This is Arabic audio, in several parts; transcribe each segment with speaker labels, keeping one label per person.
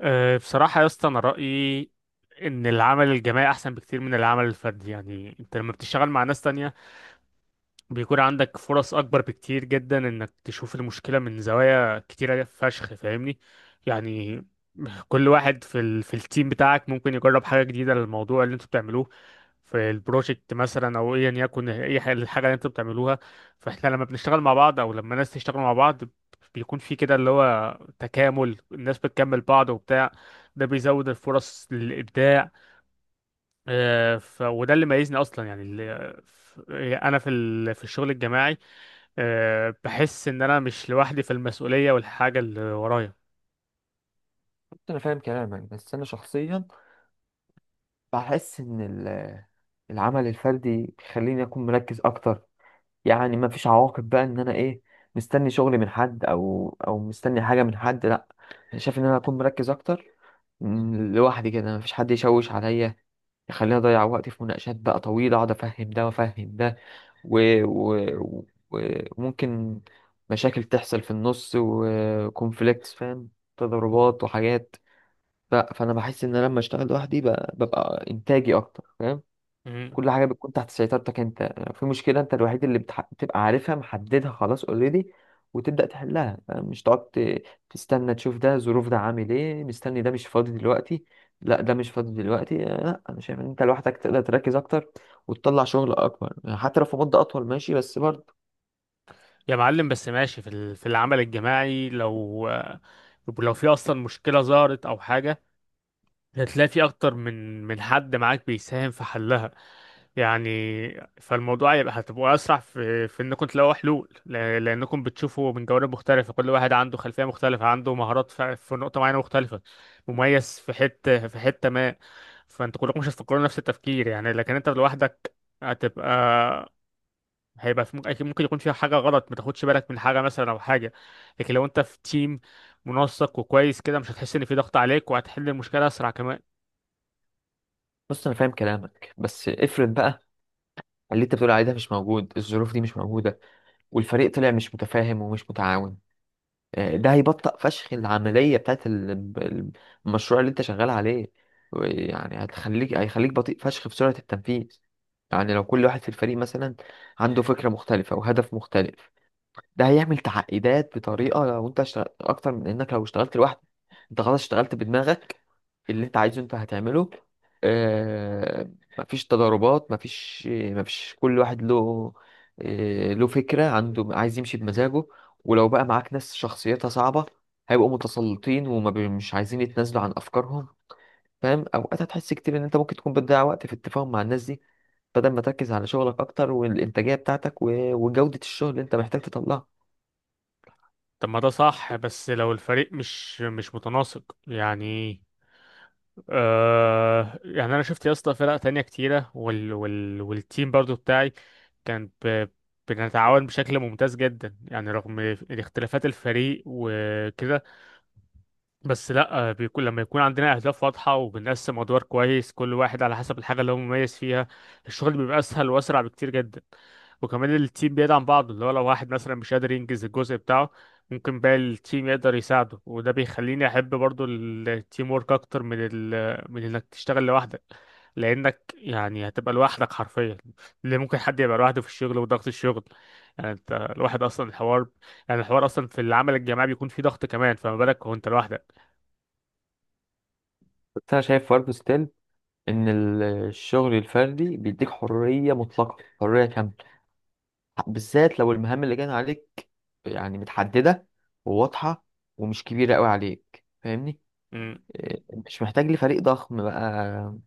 Speaker 1: بصراحة يا اسطى أنا رأيي إن العمل الجماعي أحسن بكتير من العمل الفردي، يعني أنت لما بتشتغل مع ناس تانية بيكون عندك فرص اكبر بكتير جدا انك تشوف المشكله من زوايا كتيره فشخ، فاهمني يعني. كل واحد في التيم بتاعك ممكن يجرب حاجه جديده للموضوع اللي انتوا بتعملوه في البروجكت مثلا، او ايا يكن اي حاجه الحاجه اللي انتوا بتعملوها. فاحنا لما بنشتغل مع بعض، او لما ناس تشتغل مع بعض، بيكون في كده اللي هو تكامل، الناس بتكمل بعض وبتاع، ده بيزود الفرص للابداع. وده اللي ميزني اصلا، انا في الشغل الجماعي بحس ان انا مش لوحدي في المسؤولية والحاجة اللي ورايا.
Speaker 2: انا فاهم كلامك بس انا شخصيا بحس ان العمل الفردي بيخليني اكون مركز اكتر. يعني ما فيش عواقب بقى ان انا ايه، مستني شغل من حد او مستني حاجه من حد. لا، أنا شايف ان انا اكون مركز اكتر لوحدي كده، ما فيش حد يشوش عليا يخليني اضيع وقتي في مناقشات بقى طويله، اقعد افهم ده وافهم ده و... و... و- وممكن مشاكل تحصل في النص وكونفليكتس، فاهم، تضاربات وحاجات. ف- فانا بحس ان انا لما اشتغل لوحدي ب- ببقى انتاجي اكتر، فاهم.
Speaker 1: مم.
Speaker 2: كل حاجه بتكون تحت سيطرتك انت، لو في مشكله انت الوحيد اللي بتبقى عارفها محددها خلاص اوريدي، وتبدا تحلها، فاهم؟ مش تقعد تستنى تشوف ده ظروف، ده عامل ايه، مستني، ده مش فاضي دلوقتي، لا ده مش فاضي دلوقتي. آه، لا انا شايف ان انت لوحدك تقدر تركز اكتر وتطلع شغل اكبر، يعني حتى لو في مده اطول ماشي بس برضه.
Speaker 1: يا معلم، بس ماشي في العمل الجماعي لو لو في اصلا مشكلة ظهرت او حاجة، هتلاقي في اكتر من حد معاك بيساهم في حلها، يعني. فالموضوع يبقى هتبقوا اسرع في انكم تلاقوا حلول، لانكم بتشوفوا من جوانب مختلفه، كل واحد عنده خلفيه مختلفه، عنده مهارات في نقطه معينه مختلفه، مميز في حته ما. فانتوا كلكم مش هتفكروا نفس التفكير يعني، لكن انت لوحدك هتبقى هيبقى في، ممكن أكيد ممكن يكون فيها حاجه غلط، ما تاخدش بالك من حاجه مثلا او حاجه. لكن لو انت في تيم منسق وكويس كده، مش هتحس ان في ضغط عليك، وهتحل المشكله اسرع كمان.
Speaker 2: بص، انا فاهم كلامك بس افرض بقى اللي انت بتقول عليه ده مش موجود، الظروف دي مش موجوده والفريق طلع مش متفاهم ومش متعاون. آه، ده هيبطئ فشخ العملية بتاعت ال- المشروع اللي انت شغال عليه. يعني هتخليك، هيخليك بطيء فشخ في سرعة التنفيذ. يعني لو كل واحد في الفريق مثلا عنده فكرة مختلفة وهدف مختلف، ده هيعمل تعقيدات بطريقه لو انت اشتغلت اكتر من انك لو اشتغلت لوحدك. انت خلاص اشتغلت بدماغك، اللي انت عايزه انت هتعمله. آه، مفيش تضاربات، مفيش كل واحد له، آه له فكرة عنده عايز يمشي بمزاجه. ولو بقى معاك ناس شخصيتها صعبة، هيبقوا متسلطين مش عايزين يتنازلوا عن أفكارهم، فاهم. أوقات هتحس كتير إن أنت ممكن تكون بتضيع وقت في التفاهم مع الناس دي، بدل ما تركز على شغلك أكتر والإنتاجية بتاعتك و- وجودة الشغل اللي أنت محتاج تطلعها.
Speaker 1: طب ما ده صح، بس لو الفريق مش متناسق يعني. يعني انا شفت يا اسطى فرق تانية كتيرة، وال والتيم برضو بتاعي كان بنتعاون بشكل ممتاز جدا، يعني رغم اختلافات الفريق وكده، بس لا، بيكون لما يكون عندنا اهداف واضحه وبنقسم ادوار كويس، كل واحد على حسب الحاجه اللي هو مميز فيها، الشغل بيبقى اسهل واسرع بكتير جدا. وكمان التيم بيدعم بعضه، اللي هو لو واحد مثلا مش قادر ينجز الجزء بتاعه، ممكن باقي التيم يقدر يساعده، وده بيخليني احب برضو التيم ورك اكتر من انك تشتغل لوحدك. لانك يعني هتبقى لوحدك حرفيا، اللي ممكن حد يبقى لوحده في الشغل وضغط الشغل، يعني انت الواحد اصلا الحوار، يعني الحوار اصلا في العمل الجماعي بيكون فيه ضغط، كمان فما بالك وانت لوحدك.
Speaker 2: بس انا شايف برضه ستيل ان الشغل الفردي بيديك حريه مطلقه، حريه كامله، بالذات لو المهام اللي جايه عليك، يعني متحدده وواضحه ومش كبيره قوي عليك، فاهمني؟
Speaker 1: مم.
Speaker 2: إيه، مش محتاج لفريق ضخم بقى،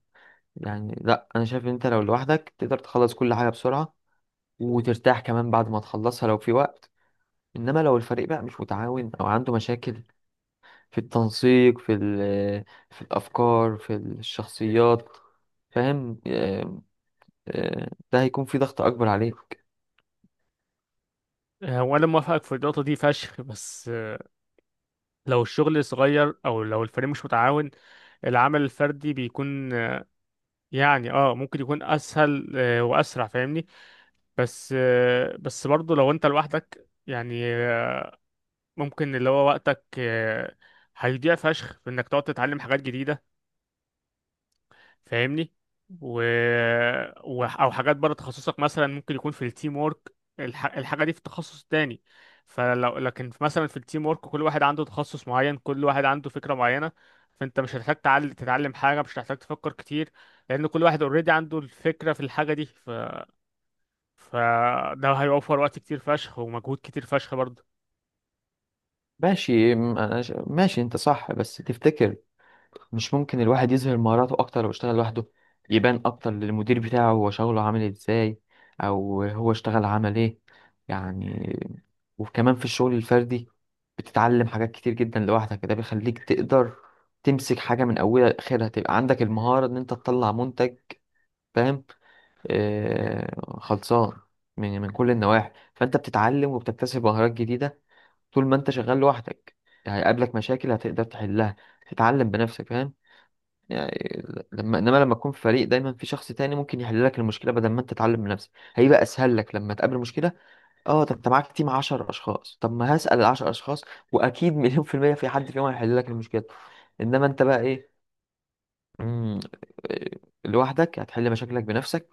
Speaker 2: يعني لا، انا شايف ان انت لو لوحدك تقدر تخلص كل حاجه بسرعه، وترتاح كمان بعد ما تخلصها لو في وقت. انما لو الفريق بقى مش متعاون او عنده مشاكل في التنسيق، في في الافكار، في الشخصيات، فاهم، آه. آه، ده هيكون في ضغط اكبر عليك.
Speaker 1: هو انا موافقك في النقطه دي فشخ، بس لو الشغل صغير او لو الفريق مش متعاون، العمل الفردي بيكون يعني ممكن يكون اسهل، واسرع، فاهمني. بس برضه لو انت لوحدك يعني، ممكن اللي هو وقتك هيضيع فشخ في انك تقعد تتعلم حاجات جديده، فاهمني. و... او حاجات بره تخصصك، مثلا ممكن يكون في التيم وورك الحاجه دي في تخصص تاني. مثلا في التيم وورك كل واحد عنده تخصص معين، كل واحد عنده فكره معينه، فانت مش هتحتاج تتعلم حاجه، مش هتحتاج تفكر كتير، لان كل واحد اوريدي عنده الفكره في الحاجه دي، فده هيوفر وقت كتير فشخ ومجهود كتير فشخ برضه.
Speaker 2: ماشي، ماشي انت صح بس تفتكر مش ممكن الواحد يظهر مهاراته اكتر لو اشتغل لوحده؟ يبان اكتر للمدير بتاعه هو شغله عامل ازاي او هو اشتغل عمل ايه، يعني. وكمان في الشغل الفردي بتتعلم حاجات كتير جدا لوحدك، ده بيخليك تقدر تمسك حاجة من اولها لاخرها، تبقى عندك المهارة ان انت تطلع منتج، فاهم، آه، خلصان من كل النواحي. فانت بتتعلم وبتكتسب مهارات جديدة طول ما انت شغال لوحدك، هيقابلك مشاكل هتقدر تحلها، تتعلم بنفسك، فاهم، يعني. لما، انما لما تكون في فريق دايما في شخص تاني ممكن يحل لك المشكله بدل ما انت تتعلم بنفسك، هيبقى اسهل لك لما تقابل مشكله. اه، طب انت معاك تيم 10 اشخاص، طب ما هسال ال 10 اشخاص، واكيد مليون في الميه في حد فيهم هيحل لك المشكله. انما انت بقى ايه؟ مم، آه، لوحدك هتحل مشاكلك بنفسك.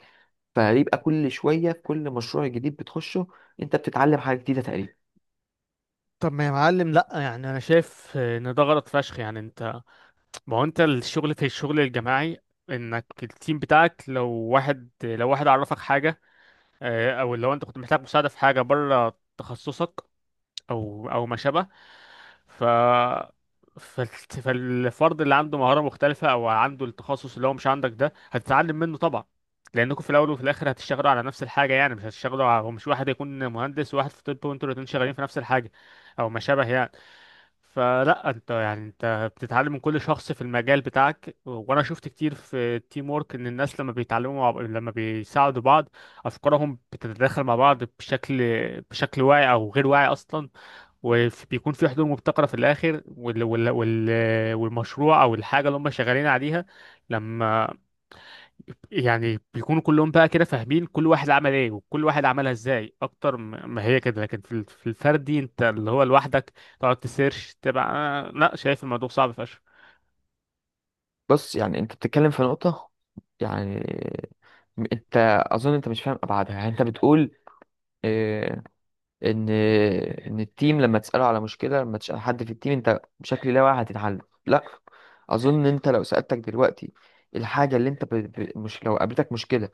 Speaker 2: فهيبقى كل شويه في كل مشروع جديد بتخشه انت بتتعلم حاجه جديده تقريبا.
Speaker 1: طب ما يا معلم لا، يعني انا شايف ان ده غلط فشخ، يعني انت، ما هو انت في الشغل الجماعي، انك التيم بتاعك لو واحد، عرفك حاجة او لو انت كنت محتاج مساعدة في حاجة بره تخصصك، او ما شابه، ف فالفرد اللي عنده مهارة مختلفة او عنده التخصص اللي هو مش عندك، ده هتتعلم منه طبعا، لانكم في الاول وفي الاخر هتشتغلوا على نفس الحاجة، يعني مش هتشتغلوا مش واحد يكون مهندس وواحد في طب وانتوا الاتنين شغالين في نفس الحاجة او ما شابه يعني. فلا، انت يعني انت بتتعلم من كل شخص في المجال بتاعك، وانا شفت كتير في التيم ورك ان الناس لما بيتعلموا لما بيساعدوا بعض افكارهم بتتداخل مع بعض بشكل، واعي او غير واعي اصلا، وبيكون في حلول مبتكرة في الآخر، والمشروع أو الحاجة اللي هم شغالين عليها، لما يعني بيكونوا كلهم بقى كده فاهمين كل واحد عمل ايه وكل واحد عملها ازاي اكتر، ما هي كده، لكن في الفردي انت اللي هو لوحدك تقعد تسيرش، تبقى لا، شايف الموضوع صعب فشخ.
Speaker 2: بص، يعني انت بتتكلم في نقطة، يعني انت اظن انت مش فاهم ابعادها، يعني انت بتقول اه، ان ان التيم لما تسأله على مشكلة، لما تسأل حد في التيم انت بشكل لا واعي هتتحل، لا. اظن انت لو سألتك دلوقتي الحاجة اللي انت مش لو قابلتك مشكلة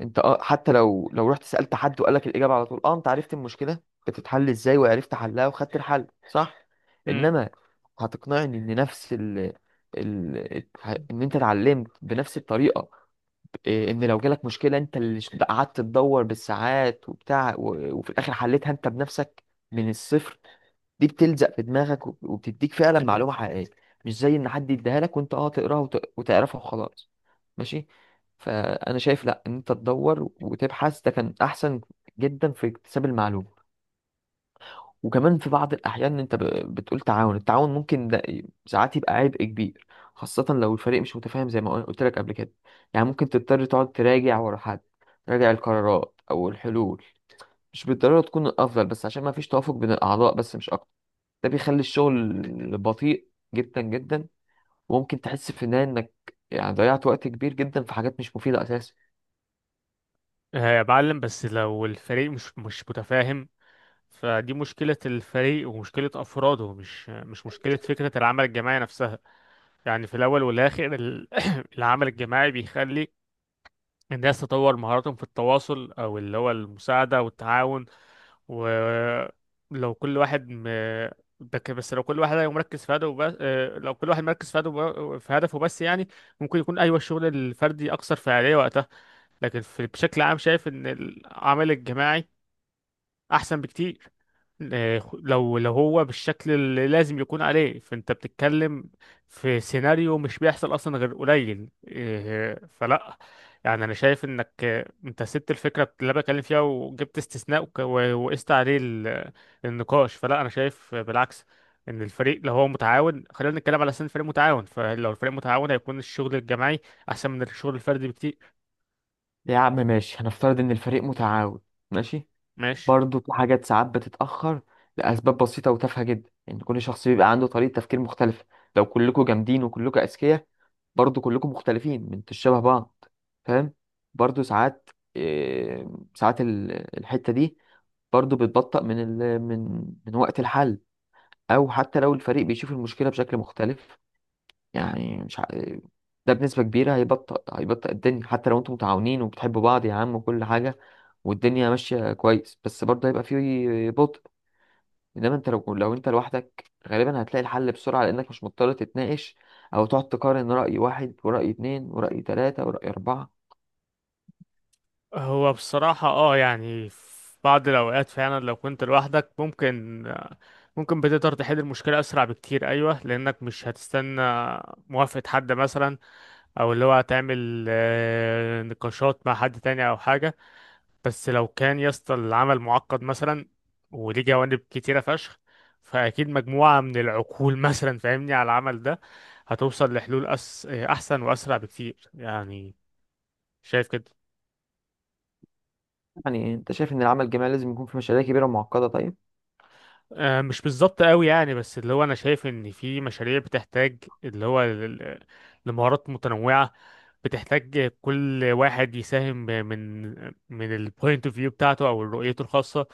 Speaker 2: انت اه، حتى لو لو رحت سألت حد وقال لك الإجابة على طول، اه انت عرفت المشكلة بتتحل ازاي وعرفت حلها وخدت الحل، صح.
Speaker 1: امم
Speaker 2: انما هتقنعني ان نفس ان انت اتعلمت بنفس الطريقة، إيه، ان لو جالك مشكلة انت اللي قعدت تدور بالساعات وبتاع و- وفي الاخر حلتها انت بنفسك من الصفر، دي بتلزق في دماغك وب- وبتديك فعلا، أيوة، معلومة حقيقية. مش زي ان حد يديها لك وانت اه تقراها وت- وتعرفها وخلاص، ماشي. فانا شايف لا، ان انت تدور وتبحث ده كان احسن جدا في اكتساب المعلومة. وكمان في بعض الاحيان انت بتقول تعاون، التعاون ممكن ده ساعات يبقى عبء كبير، خاصة لو الفريق مش متفاهم زي ما قلت لك قبل كده. يعني ممكن تضطر تقعد تراجع ورا حد، تراجع القرارات او الحلول مش بالضرورة تكون الافضل بس عشان ما فيش توافق بين الاعضاء، بس مش اكتر. ده بيخلي الشغل بطيء جدا جدا. وممكن تحس في النهاية انك يعني ضيعت وقت كبير جدا في حاجات مش مفيدة اساسا.
Speaker 1: يا معلم، بس لو الفريق مش متفاهم، فدي مشكلة الفريق ومشكلة أفراده، مش مشكلة فكرة العمل الجماعي نفسها. يعني في الأول والآخر العمل الجماعي بيخلي الناس تطور مهاراتهم في التواصل، أو اللي هو المساعدة والتعاون. ولو كل واحد م... ده ك- بس لو كل واحد هيبقى مركز في هدفه بس، لو كل واحد مركز في هدفه، بس يعني، ممكن يكون أيوة، الشغل الفردي أكثر فعالية وقتها، لكن بشكل عام شايف إن العمل الجماعي أحسن بكتير. لو هو بالشكل اللي لازم يكون عليه، فانت بتتكلم في سيناريو مش بيحصل اصلا غير قليل، فلا، يعني انا شايف انك، انت سبت الفكره اللي أنا بتكلم فيها وجبت استثناء وقست عليه النقاش. فلا، انا شايف بالعكس ان الفريق لو هو متعاون، خلينا نتكلم على اساس إن الفريق متعاون، فلو الفريق متعاون هيكون الشغل الجماعي احسن من الشغل الفردي بكتير.
Speaker 2: يا عم ماشي، هنفترض ان الفريق متعاون، ماشي.
Speaker 1: ماشي.
Speaker 2: برضه في حاجات ساعات بتتأخر لأسباب بسيطة وتافهة جدا. يعني كل شخص بيبقى عنده طريقة تفكير مختلفة، لو كلكم جامدين وكلكم أذكياء برضه كلكم مختلفين من شبه بعض، فاهم. برضه ساعات، إيه، ساعات الحتة دي برضه بتبطأ من من وقت الحل، او حتى لو الفريق بيشوف المشكله بشكل مختلف، يعني. مش ع... ده بنسبه كبيره هيبطئ الدنيا حتى لو انتم متعاونين وبتحبوا بعض يا عم وكل حاجه، والدنيا ماشيه كويس، بس برضه هيبقى فيه بطء. انما انت لو انت لوحدك غالبا هتلاقي الحل بسرعه لانك مش مضطر تتناقش، او تقعد تقارن راي واحد وراي اتنين وراي تلاته وراي اربعه.
Speaker 1: هو بصراحة يعني في بعض الأوقات فعلا لو كنت لوحدك ممكن، بتقدر تحل المشكلة أسرع بكتير، أيوة، لأنك مش هتستنى موافقة حد مثلا، أو اللي هو هتعمل نقاشات مع حد تاني أو حاجة. بس لو كان يا اسطى العمل معقد مثلا وليه جوانب كتيرة فشخ، فأكيد مجموعة من العقول مثلا فاهمني على العمل ده، هتوصل لحلول أس... آه، أحسن وأسرع بكتير يعني، شايف كده.
Speaker 2: يعني انت شايف ان العمل الجماعي لازم يكون في مشاريع كبيره ومعقده؟ طيب.
Speaker 1: مش بالظبط قوي يعني، بس اللي هو انا شايف ان في مشاريع بتحتاج اللي هو لمهارات متنوعة، بتحتاج كل واحد يساهم من البوينت اوف فيو بتاعته او رؤيته الخاصة.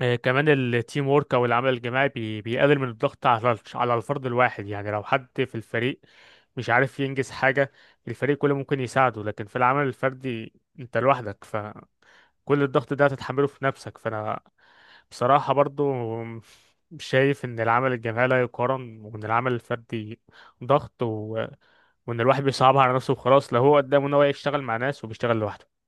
Speaker 1: كمان التيم وورك او العمل الجماعي بيقلل من الضغط على على الفرد الواحد، يعني لو حد في الفريق مش عارف ينجز حاجة، الفريق كله ممكن يساعده. لكن في العمل الفردي انت لوحدك، كل الضغط ده هتتحمله في نفسك. فانا بصراحة برضو شايف ان العمل الجماعي لا يقارن، وان العمل الفردي ضغط، وان الواحد بيصعبها على نفسه وخلاص، لو هو قدامه ان هو يشتغل مع ناس وبيشتغل لوحده.